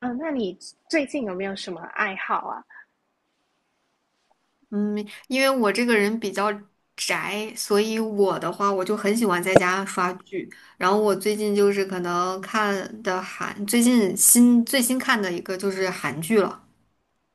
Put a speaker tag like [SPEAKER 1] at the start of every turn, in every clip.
[SPEAKER 1] 嗯，那你最近有没有什么爱好啊？
[SPEAKER 2] 嗯，因为我这个人比较宅，所以我的话，我就很喜欢在家刷剧。然后我最近就是可能看的韩，最近最新看的一个就是韩剧了。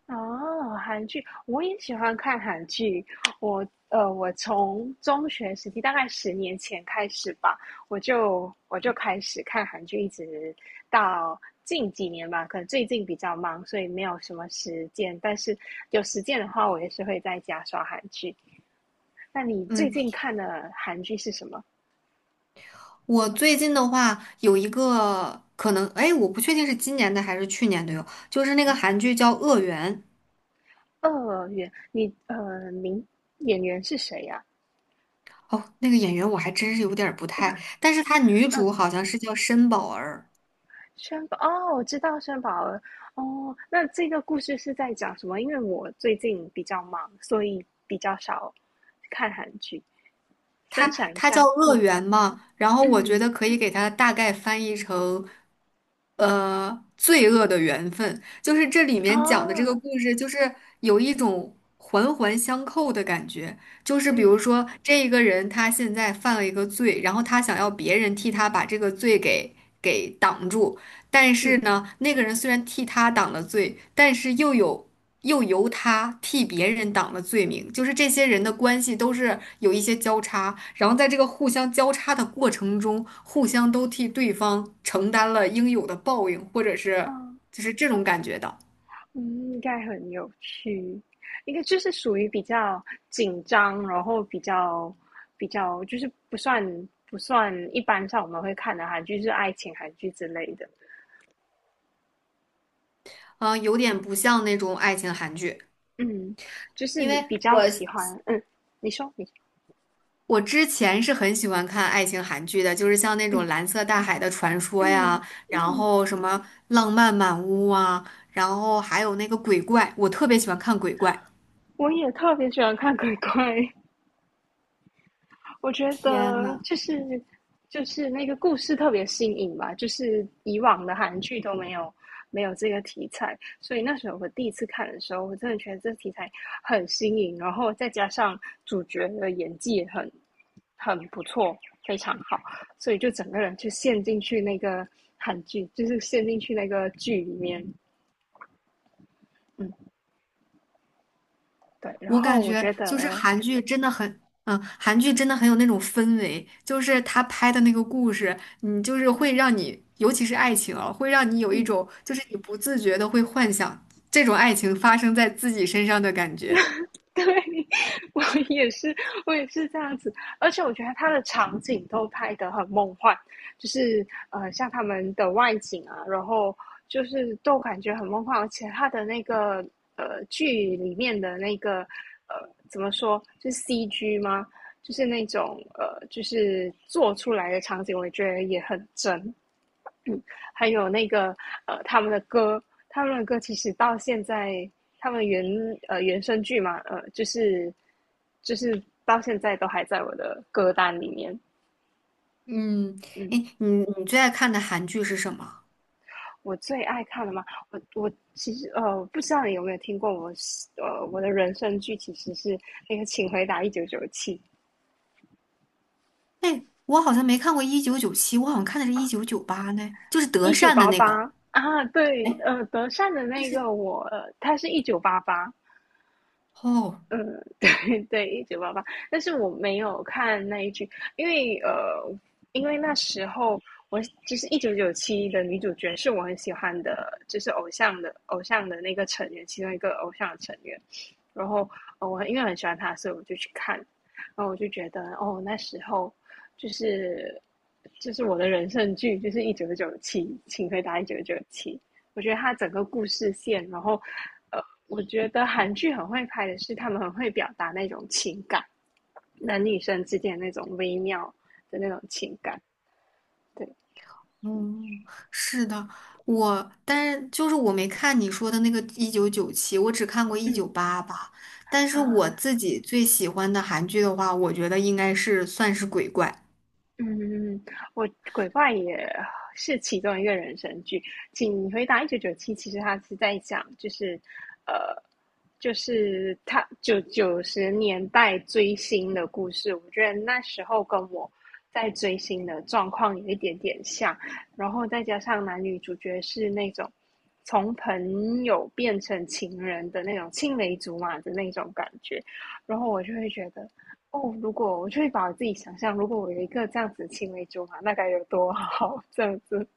[SPEAKER 1] 哦，韩剧，我也喜欢看韩剧。我从中学时期，大概10年前开始吧，我就开始看韩剧，一直到近几年吧。可能最近比较忙，所以没有什么时间。但是有时间的话，我也是会在家刷韩剧。那你最
[SPEAKER 2] 嗯，
[SPEAKER 1] 近看的韩剧是什么？
[SPEAKER 2] 我最近的话有一个可能，哎，我不确定是今年的还是去年的哟，就是那个韩剧叫《恶缘》。
[SPEAKER 1] 二元，名演员是谁呀？
[SPEAKER 2] 哦，那个演员我还真是有点儿不太，但是她女
[SPEAKER 1] 嗯。
[SPEAKER 2] 主好像是叫申宝儿。
[SPEAKER 1] 轩宝哦，我知道轩宝了。哦，那这个故事是在讲什么？因为我最近比较忙，所以比较少看韩剧。
[SPEAKER 2] 它
[SPEAKER 1] 分享一
[SPEAKER 2] 它叫
[SPEAKER 1] 下。
[SPEAKER 2] 乐
[SPEAKER 1] 嗯
[SPEAKER 2] 园嘛，然后我觉
[SPEAKER 1] 嗯
[SPEAKER 2] 得可以给它大概翻译成，罪恶的缘分，就是这里面讲的这个
[SPEAKER 1] 啊，
[SPEAKER 2] 故事，就是有一种环环相扣的感觉，就是比如
[SPEAKER 1] 嗯
[SPEAKER 2] 说这一个人他现在犯了一个罪，然后他想要别人替他把这个罪给挡住，但是
[SPEAKER 1] 嗯
[SPEAKER 2] 呢，那个人虽然替他挡了罪，但是又有。又由他替别人挡了罪名，就是这些人的关系都是有一些交叉，然后在这个互相交叉的过程中，互相都替对方承担了应有的报应，或者
[SPEAKER 1] 啊，
[SPEAKER 2] 是就是这种感觉的。
[SPEAKER 1] 嗯，应该很有趣。应该就是属于比较紧张，然后比较就是不算一般上我们会看的韩剧，就是爱情韩剧之类的。
[SPEAKER 2] 嗯、有
[SPEAKER 1] 嗯
[SPEAKER 2] 点不像那种爱情韩剧，
[SPEAKER 1] 嗯，就是
[SPEAKER 2] 因
[SPEAKER 1] 你
[SPEAKER 2] 为
[SPEAKER 1] 比较
[SPEAKER 2] 我
[SPEAKER 1] 喜欢，嗯，你说你，
[SPEAKER 2] 我之前是很喜欢看爱情韩剧的，就是像那种
[SPEAKER 1] 嗯。
[SPEAKER 2] 《蓝色大海的传说》
[SPEAKER 1] 嗯，
[SPEAKER 2] 呀，然后什么《浪漫满屋》啊，然后还有那个鬼怪，我特别喜欢看鬼怪。
[SPEAKER 1] 我也特别喜欢看鬼鬼，我觉
[SPEAKER 2] 天
[SPEAKER 1] 得
[SPEAKER 2] 呐！
[SPEAKER 1] 就是那个故事特别新颖吧，就是以往的韩剧都没有这个题材，所以那时候我第一次看的时候，我真的觉得这题材很新颖，然后再加上主角的演技也很不错，非常好，所以就整个人就陷进去那个韩剧，就是陷进去那个剧里面。嗯，对，然
[SPEAKER 2] 我
[SPEAKER 1] 后
[SPEAKER 2] 感
[SPEAKER 1] 我
[SPEAKER 2] 觉
[SPEAKER 1] 觉
[SPEAKER 2] 就是
[SPEAKER 1] 得，
[SPEAKER 2] 韩剧真的很有那种氛围，就是他拍的那个故事，你就是
[SPEAKER 1] 对，
[SPEAKER 2] 会让你，尤其是爱情啊，会让你有一
[SPEAKER 1] 嗯。
[SPEAKER 2] 种就是你不自觉的会幻想这种爱情发生在自己身上的感觉。
[SPEAKER 1] 对，我也是，我也是这样子。而且我觉得它的场景都拍得很梦幻，像他们的外景啊，然后就是都感觉很梦幻。而且它的那个剧里面的那个怎么说，就是 CG 吗？就是就是做出来的场景，我也觉得也很真。还有那个他们的歌，他们的歌其实到现在，他们原呃原声剧嘛，就是到现在都还在我的歌单里面。
[SPEAKER 2] 嗯，哎，
[SPEAKER 1] 嗯，
[SPEAKER 2] 你最爱看的韩剧是什么？
[SPEAKER 1] 我最爱看的嘛，我其实不知道你有没有听过我的人生剧其实是那个《请回答一九九七》。
[SPEAKER 2] 哎，我好像没看过《一九九七》，我好像看的是《1998》呢，就是德
[SPEAKER 1] 一九
[SPEAKER 2] 善的
[SPEAKER 1] 八
[SPEAKER 2] 那个。
[SPEAKER 1] 八啊，对，
[SPEAKER 2] 哎，
[SPEAKER 1] 德善的那个我，他是一九八八，
[SPEAKER 2] 哦。
[SPEAKER 1] 嗯，对对，《一九八八，但是我没有看那一句。因为呃，因为那时候我就是《一九九七的女主角是我很喜欢的，就是偶像的那个成员，其中一个偶像的成员。然后，我因为很喜欢他，所以我就去看，然后我就觉得哦，那时候就是就是我的人生剧，就是《一九九七，请回答一九九七》。我觉得它整个故事线，然后呃，我觉得韩剧很会拍的是，他们很会表达那种情感，男女生之间那种微妙的那种情感。对，
[SPEAKER 2] 哦，是的，但是就是我没看你说的那个一九九七，我只看过一
[SPEAKER 1] 嗯，
[SPEAKER 2] 九八八。但是我
[SPEAKER 1] 啊，
[SPEAKER 2] 自己最喜欢的韩剧的话，我觉得应该是算是鬼怪。
[SPEAKER 1] 嗯，嗯嗯嗯，我鬼怪也是其中一个人生剧。请回答一九九七，其实他是在讲，就是，呃，就是他九九十年代追星的故事。我觉得那时候跟我在追星的状况有一点点像，然后再加上男女主角是那种从朋友变成情人的那种青梅竹马的那种感觉，然后我就会觉得哦，我就会把我自己想象，如果我有一个这样子的青梅竹马，那该有多好，这样子。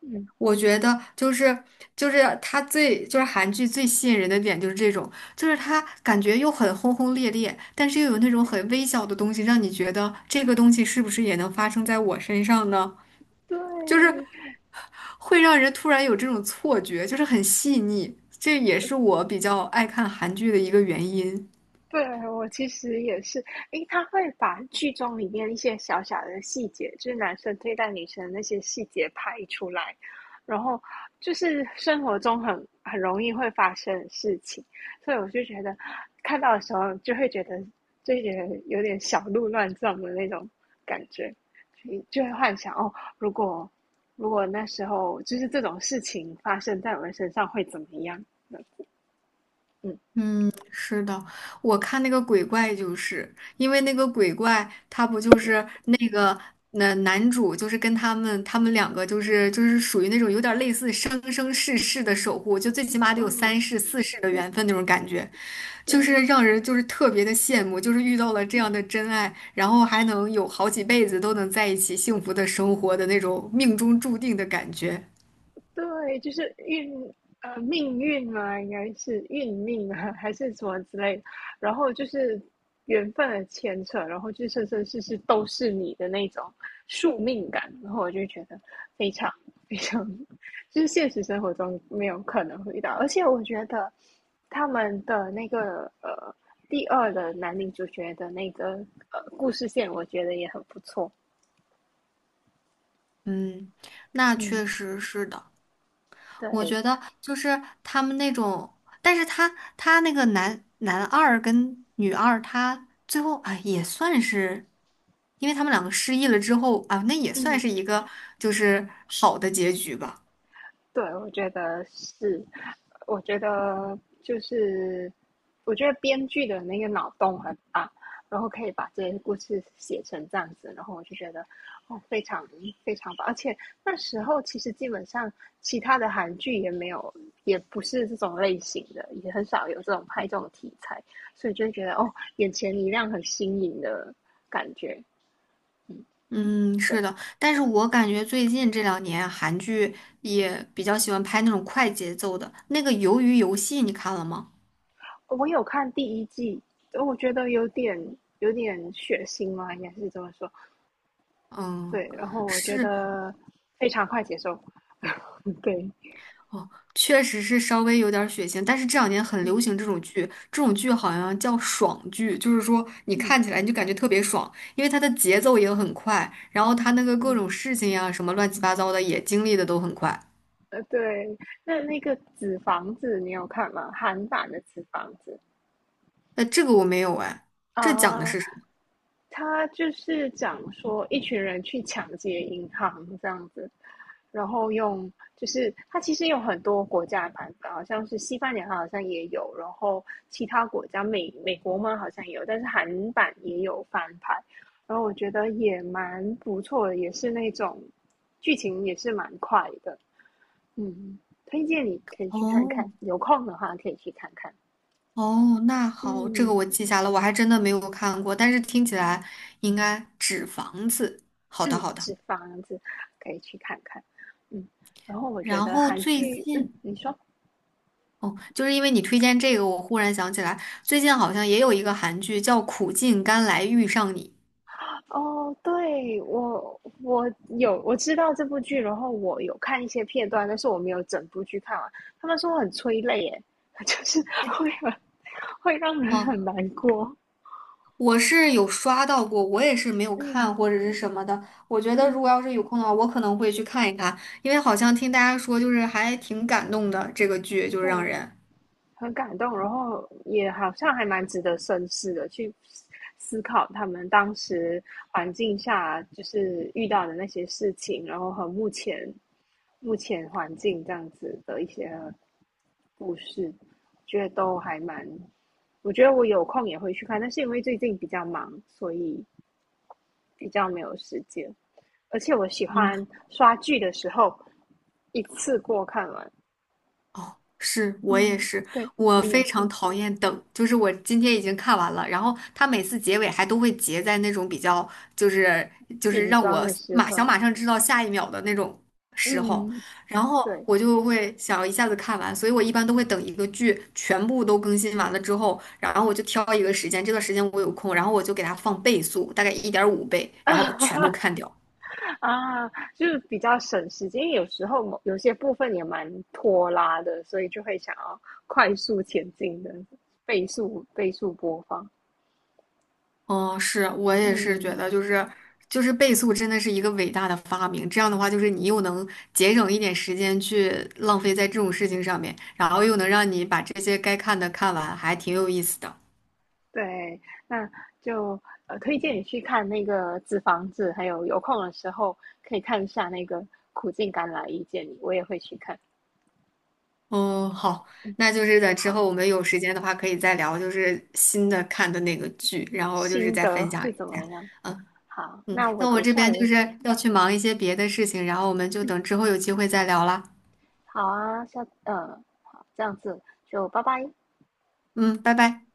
[SPEAKER 1] 嗯，
[SPEAKER 2] 我觉得就是就是它最就是韩剧最吸引人的点就是这种，就是它感觉又很轰轰烈烈，但是又有那种
[SPEAKER 1] 对，
[SPEAKER 2] 很微小的东西，让你觉得这个东西是不是也能发生在我身上呢？就是
[SPEAKER 1] 对
[SPEAKER 2] 会让人突然有这种错觉，就是很细腻。这也是我比较爱看韩剧的一个原因。
[SPEAKER 1] 对，我其实也是。诶，他会把剧中里面一些小小的细节，就是男生对待女生的那些细节拍出来，然后就是生活中很容易会发生的事情，所以我就觉得看到的时候就会觉得有点小鹿乱撞的那种感觉，所以就会幻想哦，如果那时候就是这种事情发生在我的身上会怎么样呢？嗯
[SPEAKER 2] 是的，我看那个鬼怪，就是因为那个鬼怪，他不就是那男主，就是跟他们两个，就是属于那种有点类似生生世世的守护，就最起码得有三
[SPEAKER 1] 嗯
[SPEAKER 2] 世四世的
[SPEAKER 1] 嗯，
[SPEAKER 2] 缘分那种感觉。就是
[SPEAKER 1] 对。
[SPEAKER 2] 让人就是特别的羡慕，就是遇到了这样的真爱，然后还能有好几辈子都能在一起幸福的生活的那种命中注定的感觉。
[SPEAKER 1] 对，就是命运嘛，应该是运命啊，还是什么之类的。然后就是缘分的牵扯，然后就是生生世世都是你的那种宿命感。然后我就觉得非常非常，就是现实生活中没有可能会遇到。而且我觉得他们的那个第二的男女主角的那个故事线，我觉得也很不错。
[SPEAKER 2] 嗯，那
[SPEAKER 1] 嗯，
[SPEAKER 2] 确实是的。我
[SPEAKER 1] 对，
[SPEAKER 2] 觉得就是他们那种，但是他那个男二跟女二，他最后啊也算是，因为他们两个失忆了之后啊，那也算是
[SPEAKER 1] 嗯。
[SPEAKER 2] 一个就是好的结局吧。
[SPEAKER 1] 对，我觉得是，我觉得就是，我觉得编剧的那个脑洞很大，然后可以把这些故事写成这样子，然后我就觉得哦，非常非常棒。而且那时候其实基本上其他的韩剧也没有，也不是这种类型的，也很少有这种拍这种题材，所以就会觉得哦，眼前一亮，很新颖的感觉。
[SPEAKER 2] 嗯，
[SPEAKER 1] 对。
[SPEAKER 2] 是的，但是我感觉最近这两年韩剧也比较喜欢拍那种快节奏的。那个《鱿鱼游戏》，你看了吗？
[SPEAKER 1] 我有看第一季，我觉得有点血腥嘛，应该是这么说。
[SPEAKER 2] 嗯，
[SPEAKER 1] 对，然后我觉
[SPEAKER 2] 是
[SPEAKER 1] 得非常快接受。对，
[SPEAKER 2] 哦，确实是稍微有点儿血腥，但是这两年很
[SPEAKER 1] 嗯
[SPEAKER 2] 流行这种剧，这种剧好像叫爽剧，就是说你
[SPEAKER 1] 嗯
[SPEAKER 2] 看起来你就感觉特别爽，因为它的节奏也很快，然后它那个各
[SPEAKER 1] 嗯，
[SPEAKER 2] 种事情呀、什么乱七八糟的也经历的都很快。
[SPEAKER 1] 对。那那个《纸房子》你有看吗？韩版的《纸房子》
[SPEAKER 2] 那这个我没有哎，这讲的
[SPEAKER 1] 啊，
[SPEAKER 2] 是什么？
[SPEAKER 1] 他就是讲说一群人去抢劫银行这样子，然后，就是它其实有很多国家的版本，好像是西班牙好像也有，然后其他国家美国嘛好像也有，但是韩版也有翻拍，然后我觉得也蛮不错的，也是那种剧情也是蛮快的。嗯，推荐你可以去看
[SPEAKER 2] 哦
[SPEAKER 1] 看，有空的话可以去看看，
[SPEAKER 2] 哦，那好，这个
[SPEAKER 1] 嗯。
[SPEAKER 2] 我记下了，我还真的没有看过，但是听起来应该纸房子。好的，
[SPEAKER 1] 嗯，
[SPEAKER 2] 好的。
[SPEAKER 1] 纸房子可以去看看，嗯，然后我觉
[SPEAKER 2] 然
[SPEAKER 1] 得
[SPEAKER 2] 后
[SPEAKER 1] 韩
[SPEAKER 2] 最
[SPEAKER 1] 剧，嗯，
[SPEAKER 2] 近，
[SPEAKER 1] 你说，
[SPEAKER 2] 哦，就是因为你推荐这个，我忽然想起来，最近好像也有一个韩剧叫《苦尽甘来遇上你》。
[SPEAKER 1] 哦，对，我有我知道这部剧，然后我有看一些片段，但是我没有整部剧看完。他们说很催泪，耶，就是
[SPEAKER 2] 哎
[SPEAKER 1] 会很会让人
[SPEAKER 2] 哦，
[SPEAKER 1] 很难过。
[SPEAKER 2] 我是有刷到过，我也是没有看
[SPEAKER 1] 嗯
[SPEAKER 2] 或者是什么的。我觉得
[SPEAKER 1] 嗯，
[SPEAKER 2] 如果要是有空的话，我可能会去看一看，因为好像听大家说就是还挺感动的，这个剧就是
[SPEAKER 1] 对，
[SPEAKER 2] 让人。
[SPEAKER 1] 很感动，然后也好像还蛮值得深思的，去思考他们当时环境下就是遇到的那些事情，然后和目前环境这样子的一些故事，觉得都还蛮。我觉得我有空也会去看，但是因为最近比较忙，所以比较没有时间。而且我喜
[SPEAKER 2] 嗯。
[SPEAKER 1] 欢刷剧的时候一次过看完。
[SPEAKER 2] 哦，是我也
[SPEAKER 1] 嗯，
[SPEAKER 2] 是，
[SPEAKER 1] 对
[SPEAKER 2] 我
[SPEAKER 1] 你也
[SPEAKER 2] 非常
[SPEAKER 1] 是
[SPEAKER 2] 讨厌等，就是我今天已经看完了，然后他每次结尾还都会结在那种比较，就是就是
[SPEAKER 1] 紧
[SPEAKER 2] 让
[SPEAKER 1] 张
[SPEAKER 2] 我
[SPEAKER 1] 的时
[SPEAKER 2] 马想
[SPEAKER 1] 刻。
[SPEAKER 2] 马上知道下一秒的那种时候，
[SPEAKER 1] 嗯，
[SPEAKER 2] 然后
[SPEAKER 1] 对。
[SPEAKER 2] 我就会想一下子看完，所以我一般都会等一个剧全部都更新完了之后，然后我就挑一个时间，这段时间我有空，然后我就给它放倍速，大概1.5倍，然后全都 看掉。
[SPEAKER 1] 啊，就是比较省时间，因为有时候有些部分也蛮拖拉的，所以就会想要快速前进的，倍速播放。
[SPEAKER 2] 哦，是，我也是觉
[SPEAKER 1] 嗯，
[SPEAKER 2] 得，就是倍速真的是一个伟大的发明。这样的话，就是你又能节省一点时间去浪费在这种事情上面，然后又能让你把这些该看的看完，还挺有意思的。
[SPEAKER 1] 对，那就推荐你去看那个《纸房子》，还有有空的时候可以看一下那个《苦尽甘来遇见你》，我也会去看。
[SPEAKER 2] 哦，好，
[SPEAKER 1] 嗯，
[SPEAKER 2] 那就是在之
[SPEAKER 1] 好，
[SPEAKER 2] 后我们有时间的话，可以再聊，就是新的看的那个剧，然后就是
[SPEAKER 1] 心
[SPEAKER 2] 再分
[SPEAKER 1] 得
[SPEAKER 2] 享
[SPEAKER 1] 是怎
[SPEAKER 2] 一
[SPEAKER 1] 么
[SPEAKER 2] 下。
[SPEAKER 1] 样？
[SPEAKER 2] 嗯
[SPEAKER 1] 好，
[SPEAKER 2] 嗯，
[SPEAKER 1] 那我
[SPEAKER 2] 那我
[SPEAKER 1] 等一
[SPEAKER 2] 这
[SPEAKER 1] 下
[SPEAKER 2] 边就
[SPEAKER 1] 有
[SPEAKER 2] 是要去忙一些别的事情，然后我们就等之后有机会再聊啦。
[SPEAKER 1] 好啊，下，好，这样子就拜拜。
[SPEAKER 2] 嗯，拜拜。